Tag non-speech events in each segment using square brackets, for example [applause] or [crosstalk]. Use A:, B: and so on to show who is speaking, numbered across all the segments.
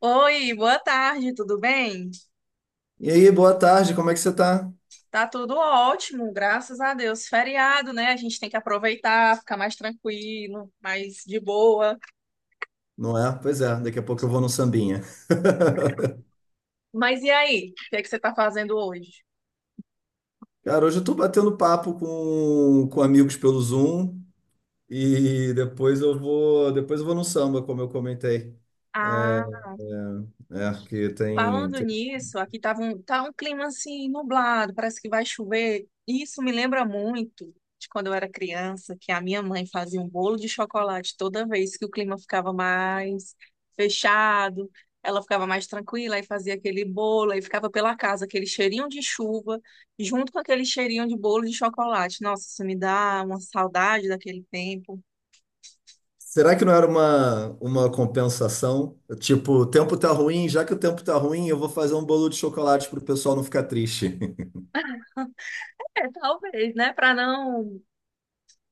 A: Oi, boa tarde, tudo bem?
B: E aí, boa tarde, como é que você tá?
A: Tá tudo ótimo, graças a Deus. Feriado, né? A gente tem que aproveitar, ficar mais tranquilo, mais de boa.
B: Não é? Pois é, daqui a pouco eu vou no sambinha. [laughs]
A: Mas e aí? O que é que você tá fazendo hoje?
B: Cara, hoje eu tô batendo papo com amigos pelo Zoom e depois eu vou no samba, como eu comentei. É, é, que tem,
A: Falando
B: tem-
A: nisso, aqui tava um, tá um clima assim nublado, parece que vai chover. Isso me lembra muito de quando eu era criança, que a minha mãe fazia um bolo de chocolate toda vez que o clima ficava mais fechado, ela ficava mais tranquila e fazia aquele bolo, aí ficava pela casa aquele cheirinho de chuva, junto com aquele cheirinho de bolo de chocolate. Nossa, isso me dá uma saudade daquele tempo.
B: Será que não era uma compensação? Tipo, o tempo tá ruim, já que o tempo tá ruim, eu vou fazer um bolo de chocolate pro pessoal não ficar triste. [laughs]
A: É, talvez, né? Para não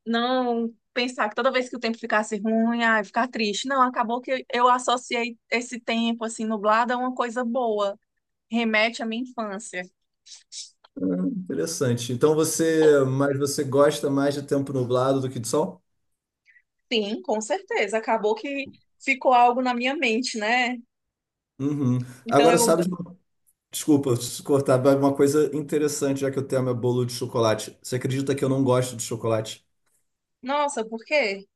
A: não pensar que toda vez que o tempo ficasse ruim, ai, ficar triste. Não, acabou que eu associei esse tempo assim nublado a uma coisa boa, remete à minha infância.
B: Interessante. Então você, mas você gosta mais de tempo nublado do que de sol?
A: Sim, com certeza, acabou que ficou algo na minha mente, né?
B: Uhum.
A: Então
B: Agora,
A: eu,
B: sabe? Desculpa se cortar, mas uma coisa interessante, já que o tema é bolo de chocolate. Você acredita que eu não gosto de chocolate?
A: nossa, por quê?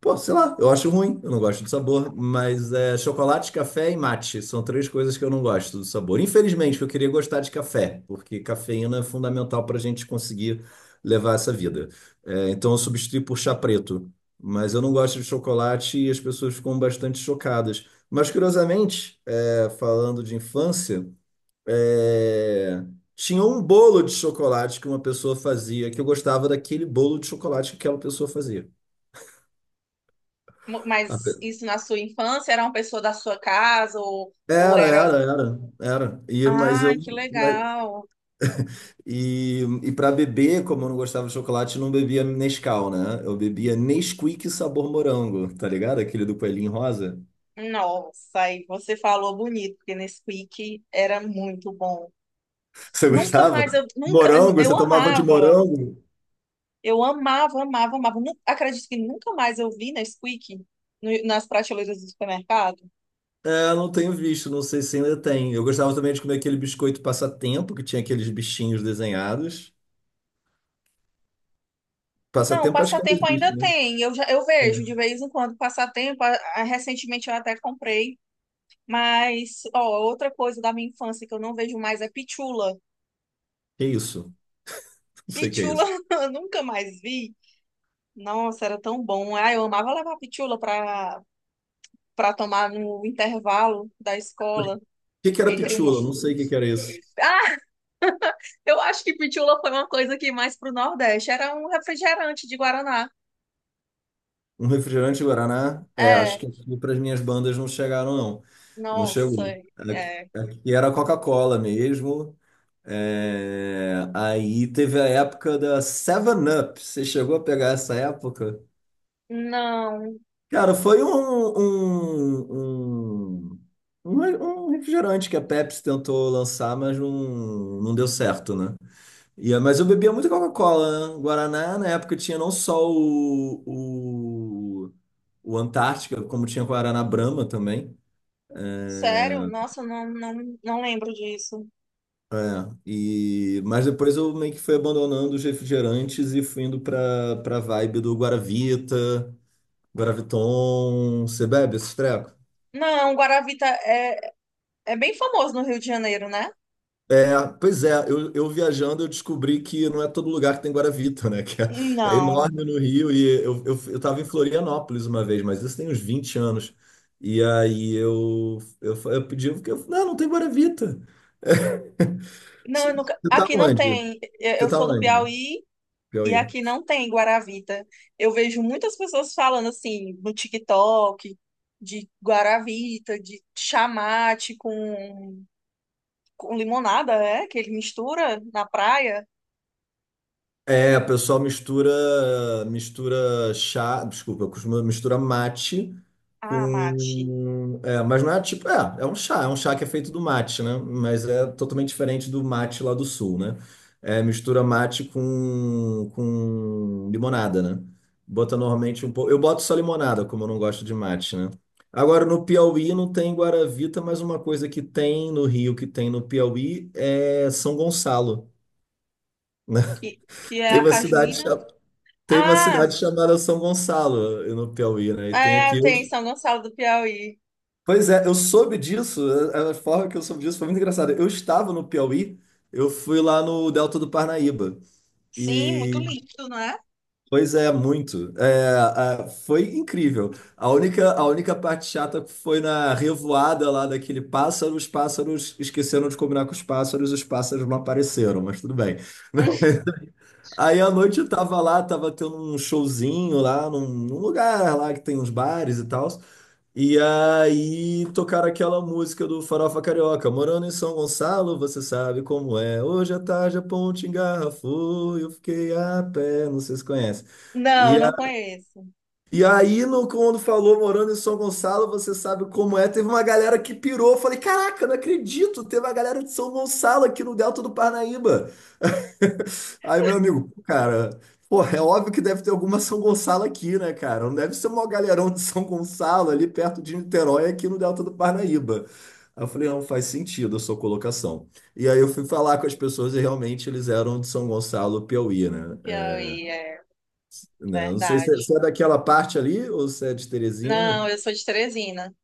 B: Pô, sei lá, eu acho ruim, eu não gosto do sabor, mas é chocolate, café e mate são três coisas que eu não gosto do sabor. Infelizmente, eu queria gostar de café, porque cafeína é fundamental para a gente conseguir levar essa vida. É, então eu substituí por chá preto, mas eu não gosto de chocolate e as pessoas ficam bastante chocadas. Mas curiosamente, é, falando de infância. É, tinha um bolo de chocolate que uma pessoa fazia, que eu gostava daquele bolo de chocolate que aquela pessoa fazia. A
A: Mas
B: pe-
A: isso na sua infância era uma pessoa da sua casa ou,
B: Era,
A: era,
B: era, era, era.
A: ai, que
B: Mas-
A: legal.
B: E, e, para beber, como eu não gostava de chocolate, eu não bebia Nescau, né? Eu bebia Nesquik sabor morango, tá ligado? Aquele do coelhinho rosa.
A: Nossa, aí você falou bonito, porque Nesquik era muito bom.
B: [laughs] Você
A: Nunca
B: gostava?
A: mais eu nunca
B: Morango?
A: eu
B: Você tomava de
A: amava.
B: morango?
A: Eu amava, amava, amava. Acredito que nunca mais eu vi Nesquik no, nas prateleiras do supermercado.
B: É, não tenho visto, não sei se ainda tem. Eu gostava também de comer aquele biscoito passatempo, que tinha aqueles bichinhos desenhados.
A: Não,
B: Passatempo acho que ainda
A: passatempo
B: existe,
A: ainda
B: né?
A: tem. Eu, já, eu vejo de
B: Sim.
A: vez em quando passatempo. Recentemente eu até comprei. Mas, ó, outra coisa da minha infância que eu não vejo mais é pitula.
B: Que isso? Não sei o que é
A: Pitula
B: isso.
A: [laughs] eu nunca mais vi. Nossa, era tão bom. Ah, eu amava levar pitula para tomar no intervalo da
B: Mas o
A: escola.
B: que que era
A: Entre uma...
B: pitula? Não sei o que que era isso.
A: Eu acho que pitula foi uma coisa que mais pro Nordeste. Era um refrigerante de Guaraná.
B: Um refrigerante Guaraná? É,
A: É,
B: acho que aqui para as minhas bandas não chegaram, não. Não chegou.
A: nossa,
B: Aqui,
A: é.
B: aqui era Coca-Cola mesmo. É, aí teve a época da Seven Up. Você chegou a pegar essa época?
A: Não,
B: Cara, foi um, um, um um refrigerante que a Pepsi tentou lançar, mas não, não deu certo, né? Ia, mas eu bebia muita Coca-Cola, né? Guaraná, na época tinha não só o, o Antártica, como tinha Guaraná Brahma também.
A: sério?
B: É,
A: Nossa, não lembro disso.
B: é, e, mas depois eu meio que fui abandonando os refrigerantes e fui indo pra vibe do Guaravita, Guaraviton. Você bebe esses
A: Não, Guaravita é, é bem famoso no Rio de Janeiro, né?
B: É, pois é, eu viajando eu descobri que não é todo lugar que tem Guaravita, né? [laughs] Que é, é
A: Não,
B: enorme no Rio e eu tava em Florianópolis uma vez, mas isso tem uns 20 anos. E aí eu pedi, porque eu, não, não tem Guaravita.
A: não,
B: Você
A: eu nunca...
B: você tá
A: aqui não
B: onde?
A: tem.
B: Você
A: Eu
B: tá
A: sou do
B: onde?
A: Piauí e
B: Piauí.
A: aqui não tem Guaravita. Eu vejo muitas pessoas falando assim no TikTok de Guaravita, de chamate com limonada, é? Que ele mistura na praia.
B: É, o pessoal mistura, mistura chá, desculpa, costuma misturar mate
A: Ah, mate.
B: é, mas não é tipo, é, é um chá que é feito do mate, né? Mas é totalmente diferente do mate lá do sul, né? É, mistura mate com limonada, né? Bota normalmente um pouco, eu boto só limonada, como eu não gosto de mate, né? Agora no Piauí não tem Guaravita, mas uma coisa que tem no Rio, que tem no Piauí é São Gonçalo, né?
A: Que
B: [laughs]
A: é
B: Tem
A: a
B: uma cidade,
A: cajuína.
B: chamada tem uma
A: Ah,
B: cidade chamada São Gonçalo, eh, no Piauí, né? E tem
A: é,
B: aqui.
A: tem em São Gonçalo do Piauí.
B: Pois é, eu soube disso, a forma que eu soube disso foi muito engraçada. Eu estava no Piauí, eu fui lá no Delta do Parnaíba.
A: Sim, muito
B: E,
A: lindo, né?
B: pois é, muito. É, foi incrível. A única parte chata foi na revoada lá daquele pássaro. Os pássaros esqueceram de combinar com os pássaros não apareceram, mas tudo bem.
A: [laughs]
B: Aí à noite eu tava lá, tava tendo um showzinho lá num lugar lá que tem uns bares e tal. E aí tocaram aquela música do Farofa Carioca: morando em São Gonçalo, você sabe como é. Hoje à tarde a ponte engarrafou, eu fiquei a pé, não sei se conhece.
A: Não,
B: E,
A: não
B: a-
A: conheço.
B: e aí, no, quando falou morando em São Gonçalo, você sabe como é, teve uma galera que pirou. Eu falei, caraca, não acredito, teve uma galera de São Gonçalo aqui no Delta do Parnaíba. Aí, meu amigo, pô, cara, pô, é óbvio que deve ter alguma São Gonçalo aqui, né, cara? Não, deve ser o maior galerão de São Gonçalo ali perto de Niterói, aqui no Delta do Parnaíba. Aí eu falei, não, faz sentido a sua colocação. E aí eu fui falar com as pessoas e realmente eles eram de São Gonçalo, Piauí,
A: O
B: né?
A: Piauí, é
B: É, né? Eu não sei se é,
A: verdade.
B: se é daquela parte ali ou se é de Teresina.
A: Não, eu sou de Teresina.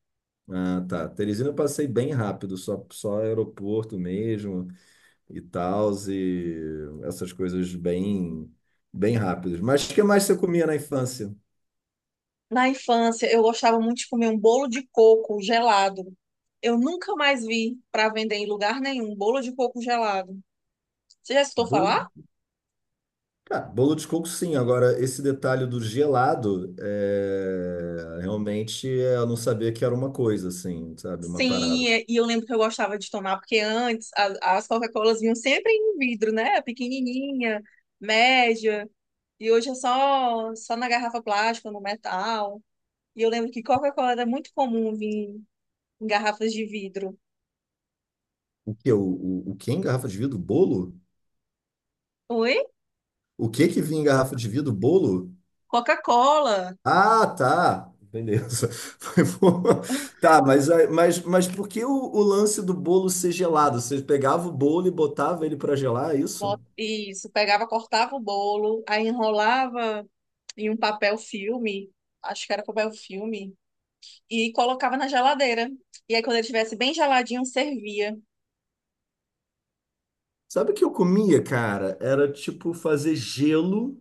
B: Ah, tá. Teresina eu passei bem rápido, só aeroporto mesmo, e tal, e essas coisas bem, bem rápidas. Mas o que mais você comia na infância?
A: Na infância, eu gostava muito de comer um bolo de coco gelado. Eu nunca mais vi para vender em lugar nenhum bolo de coco gelado. Você já escutou
B: Bolo,
A: falar?
B: cara, bolo de coco, sim. Agora, esse detalhe do gelado, é, realmente é, eu não sabia que era uma coisa, assim, sabe? Uma
A: Sim,
B: parada.
A: e eu lembro que eu gostava de tomar, porque antes as Coca-Colas vinham sempre em vidro, né? Pequenininha, média, e hoje é só, só na garrafa plástica, no metal. E eu lembro que Coca-Cola era muito comum vir em garrafas de vidro.
B: O que? O que é em garrafa de vidro? Bolo?
A: Oi?
B: O que que vinha em garrafa de vidro? Bolo?
A: Coca-Cola.
B: Ah, tá. Beleza. [laughs] Foi boa. Tá, mas, mas por que o lance do bolo ser gelado? Você pegava o bolo e botava ele pra gelar, é isso?
A: Isso, pegava, cortava o bolo, aí enrolava em um papel filme, acho que era papel filme, e colocava na geladeira. E aí, quando ele estivesse bem geladinho, servia.
B: Sabe o que eu comia, cara? Era tipo fazer gelo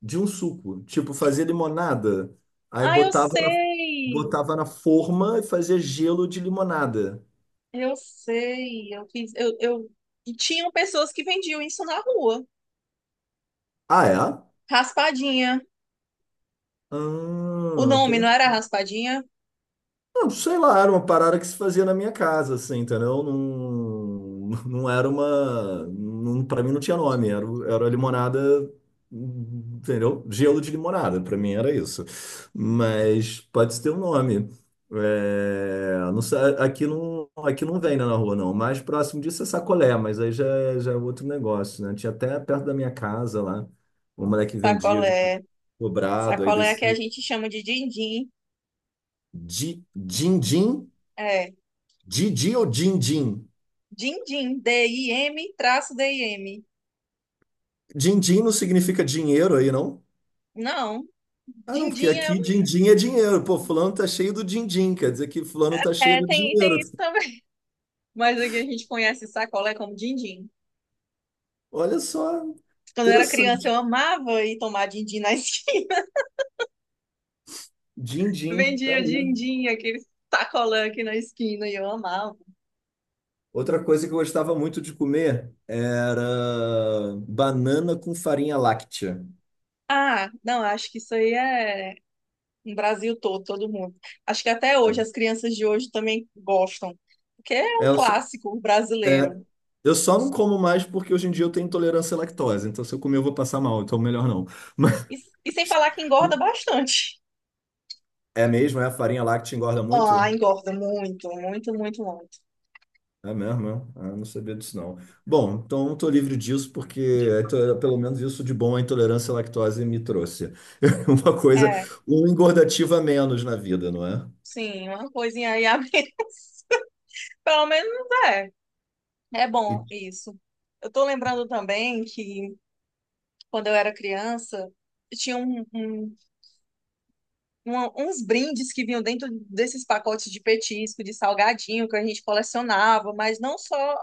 B: de um suco. Tipo, fazer limonada. Aí
A: Ah, eu sei!
B: botava na forma e fazia gelo de limonada.
A: Eu sei, eu fiz, E tinham pessoas que vendiam isso na rua.
B: Ah, é?
A: Raspadinha. O
B: Ah,
A: nome não era raspadinha?
B: não, sei lá, era uma parada que se fazia na minha casa, assim, entendeu? Não, [laughs] não era uma. Não, pra mim não tinha nome, era, era limonada, entendeu? Gelo de limonada, pra mim era isso. Mas pode ter um nome. É, não sei, aqui não vem, né, na rua, não. O mais próximo disso é sacolé, mas aí já é outro negócio, né? Tinha até perto da minha casa lá, um moleque vendia de
A: Sacolé.
B: cobrado, aí
A: Sacolé é que a
B: descia.
A: gente chama de din-din.
B: Din-din.
A: É,
B: Didi ou din-din?
A: din-din, DIM, traço DIM.
B: Din-din não significa dinheiro aí, não?
A: Não,
B: Ah, não, porque
A: din-din é...
B: aqui din-din é dinheiro. Pô, fulano tá cheio do din-din, quer dizer que fulano tá cheio
A: É,
B: do
A: tem,
B: dinheiro.
A: tem isso também. [laughs] Mas aqui a gente conhece sacolé como din-din.
B: Olha só,
A: Quando eu era criança,
B: interessante.
A: eu amava ir tomar din-din na esquina. [laughs]
B: Din-din, tá
A: Vendia
B: vendo?
A: din-din, aquele sacolé aqui na esquina, e eu amava.
B: Outra coisa que eu gostava muito de comer era banana com farinha láctea.
A: Ah, não, acho que isso aí é no Brasil todo, todo mundo. Acho que até hoje as crianças de hoje também gostam, porque é
B: É,
A: um
B: eu, só-
A: clássico
B: é,
A: brasileiro.
B: eu só não como mais porque hoje em dia eu tenho intolerância à lactose, então se eu comer eu vou passar mal, então melhor não. [laughs] Mas,
A: E, e sem falar que engorda bastante.
B: é mesmo? É, a farinha láctea engorda
A: Ah,
B: muito?
A: engorda muito, muito, muito, muito.
B: É mesmo, é? Ah, não sabia disso, não. Bom, então estou livre disso porque é, pelo menos isso de bom a intolerância à lactose me trouxe. [laughs] Uma coisa,
A: É,
B: um engordativo a menos na vida, não é?
A: sim, uma coisinha aí a menos. [laughs] Pelo menos é. É bom
B: E-
A: isso. Eu tô lembrando também que quando eu era criança, tinha uns brindes que vinham dentro desses pacotes de petisco, de salgadinho que a gente colecionava, mas não só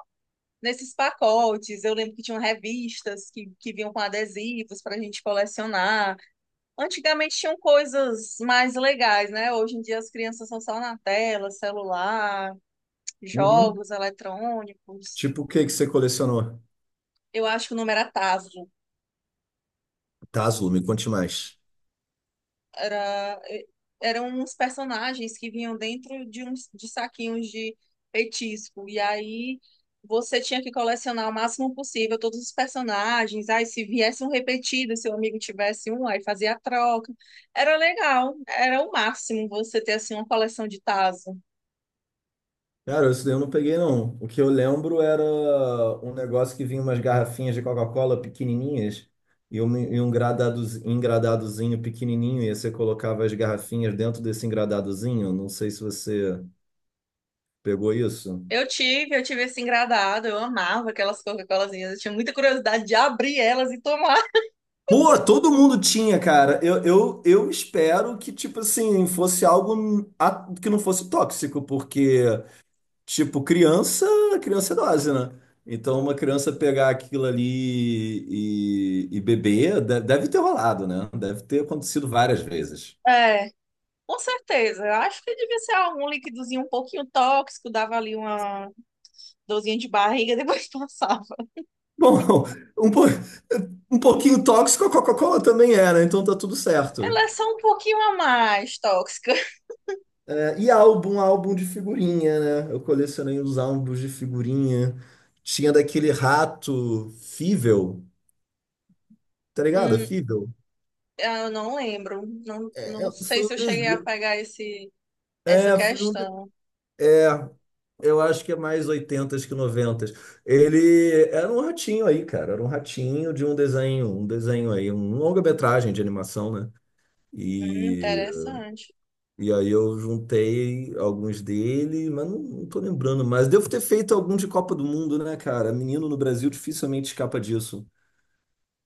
A: nesses pacotes. Eu lembro que tinham revistas que vinham com adesivos para a gente colecionar. Antigamente tinham coisas mais legais, né? Hoje em dia as crianças são só na tela, celular,
B: Uhum.
A: jogos eletrônicos.
B: Tipo, o que que você colecionou?
A: Eu acho que o número era tazo.
B: Tazo, me conte mais.
A: Era, eram uns personagens que vinham dentro de uns de saquinhos de petisco. E aí você tinha que colecionar o máximo possível todos os personagens. Aí se viesse um repetido, se o amigo tivesse um, aí fazia a troca. Era legal, era o máximo você ter assim uma coleção de tazo.
B: Cara, isso daí eu não peguei, não. O que eu lembro era um negócio que vinha umas garrafinhas de Coca-Cola pequenininhas e um, engradadozinho pequenininho, e você colocava as garrafinhas dentro desse engradadozinho. Não sei se você pegou isso?
A: Eu tive esse engradado, eu amava aquelas Coca-Colazinhas, eu tinha muita curiosidade de abrir elas e tomar.
B: Pô, todo mundo tinha, cara. Eu espero que, tipo assim, fosse algo que não fosse tóxico, porque, tipo, criança, criança é dose, né? Então, uma criança pegar aquilo ali e beber, deve ter rolado, né? Deve ter acontecido várias vezes.
A: É. Com certeza. Eu acho que devia ser algum líquidozinho um pouquinho tóxico, dava ali uma dorzinha de barriga, [laughs] depois passava.
B: Bom, [laughs] um, po- um pouquinho tóxico a Coca-Cola também é, né? Então tá tudo certo.
A: Ela é só um pouquinho a mais tóxica.
B: E álbum, álbum de figurinha, né? Eu colecionei os álbuns de figurinha. Tinha daquele rato Fível, tá ligado?
A: Hum,
B: Fível.
A: eu não lembro. Não,
B: É,
A: não
B: é,
A: sei
B: foi um
A: se eu cheguei a
B: desenho.
A: pegar essa
B: É, foi um. de-
A: questão.
B: É, eu acho que é mais 80 que 90. Ele era um ratinho aí, cara. Era um ratinho de um desenho aí, um longa-metragem de animação, né? E
A: Interessante.
B: e aí eu juntei alguns dele, mas não, não tô lembrando mais. Devo ter feito algum de Copa do Mundo, né, cara? Menino no Brasil dificilmente escapa disso.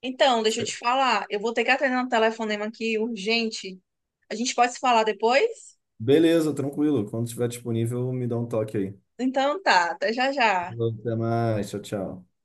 A: Então, deixa eu te falar. Eu vou ter que atender um telefonema aqui urgente. A gente pode se falar depois?
B: Beleza, tranquilo. Quando estiver disponível, me dá um toque aí.
A: Então tá, até já já.
B: Até mais. Tchau, tchau.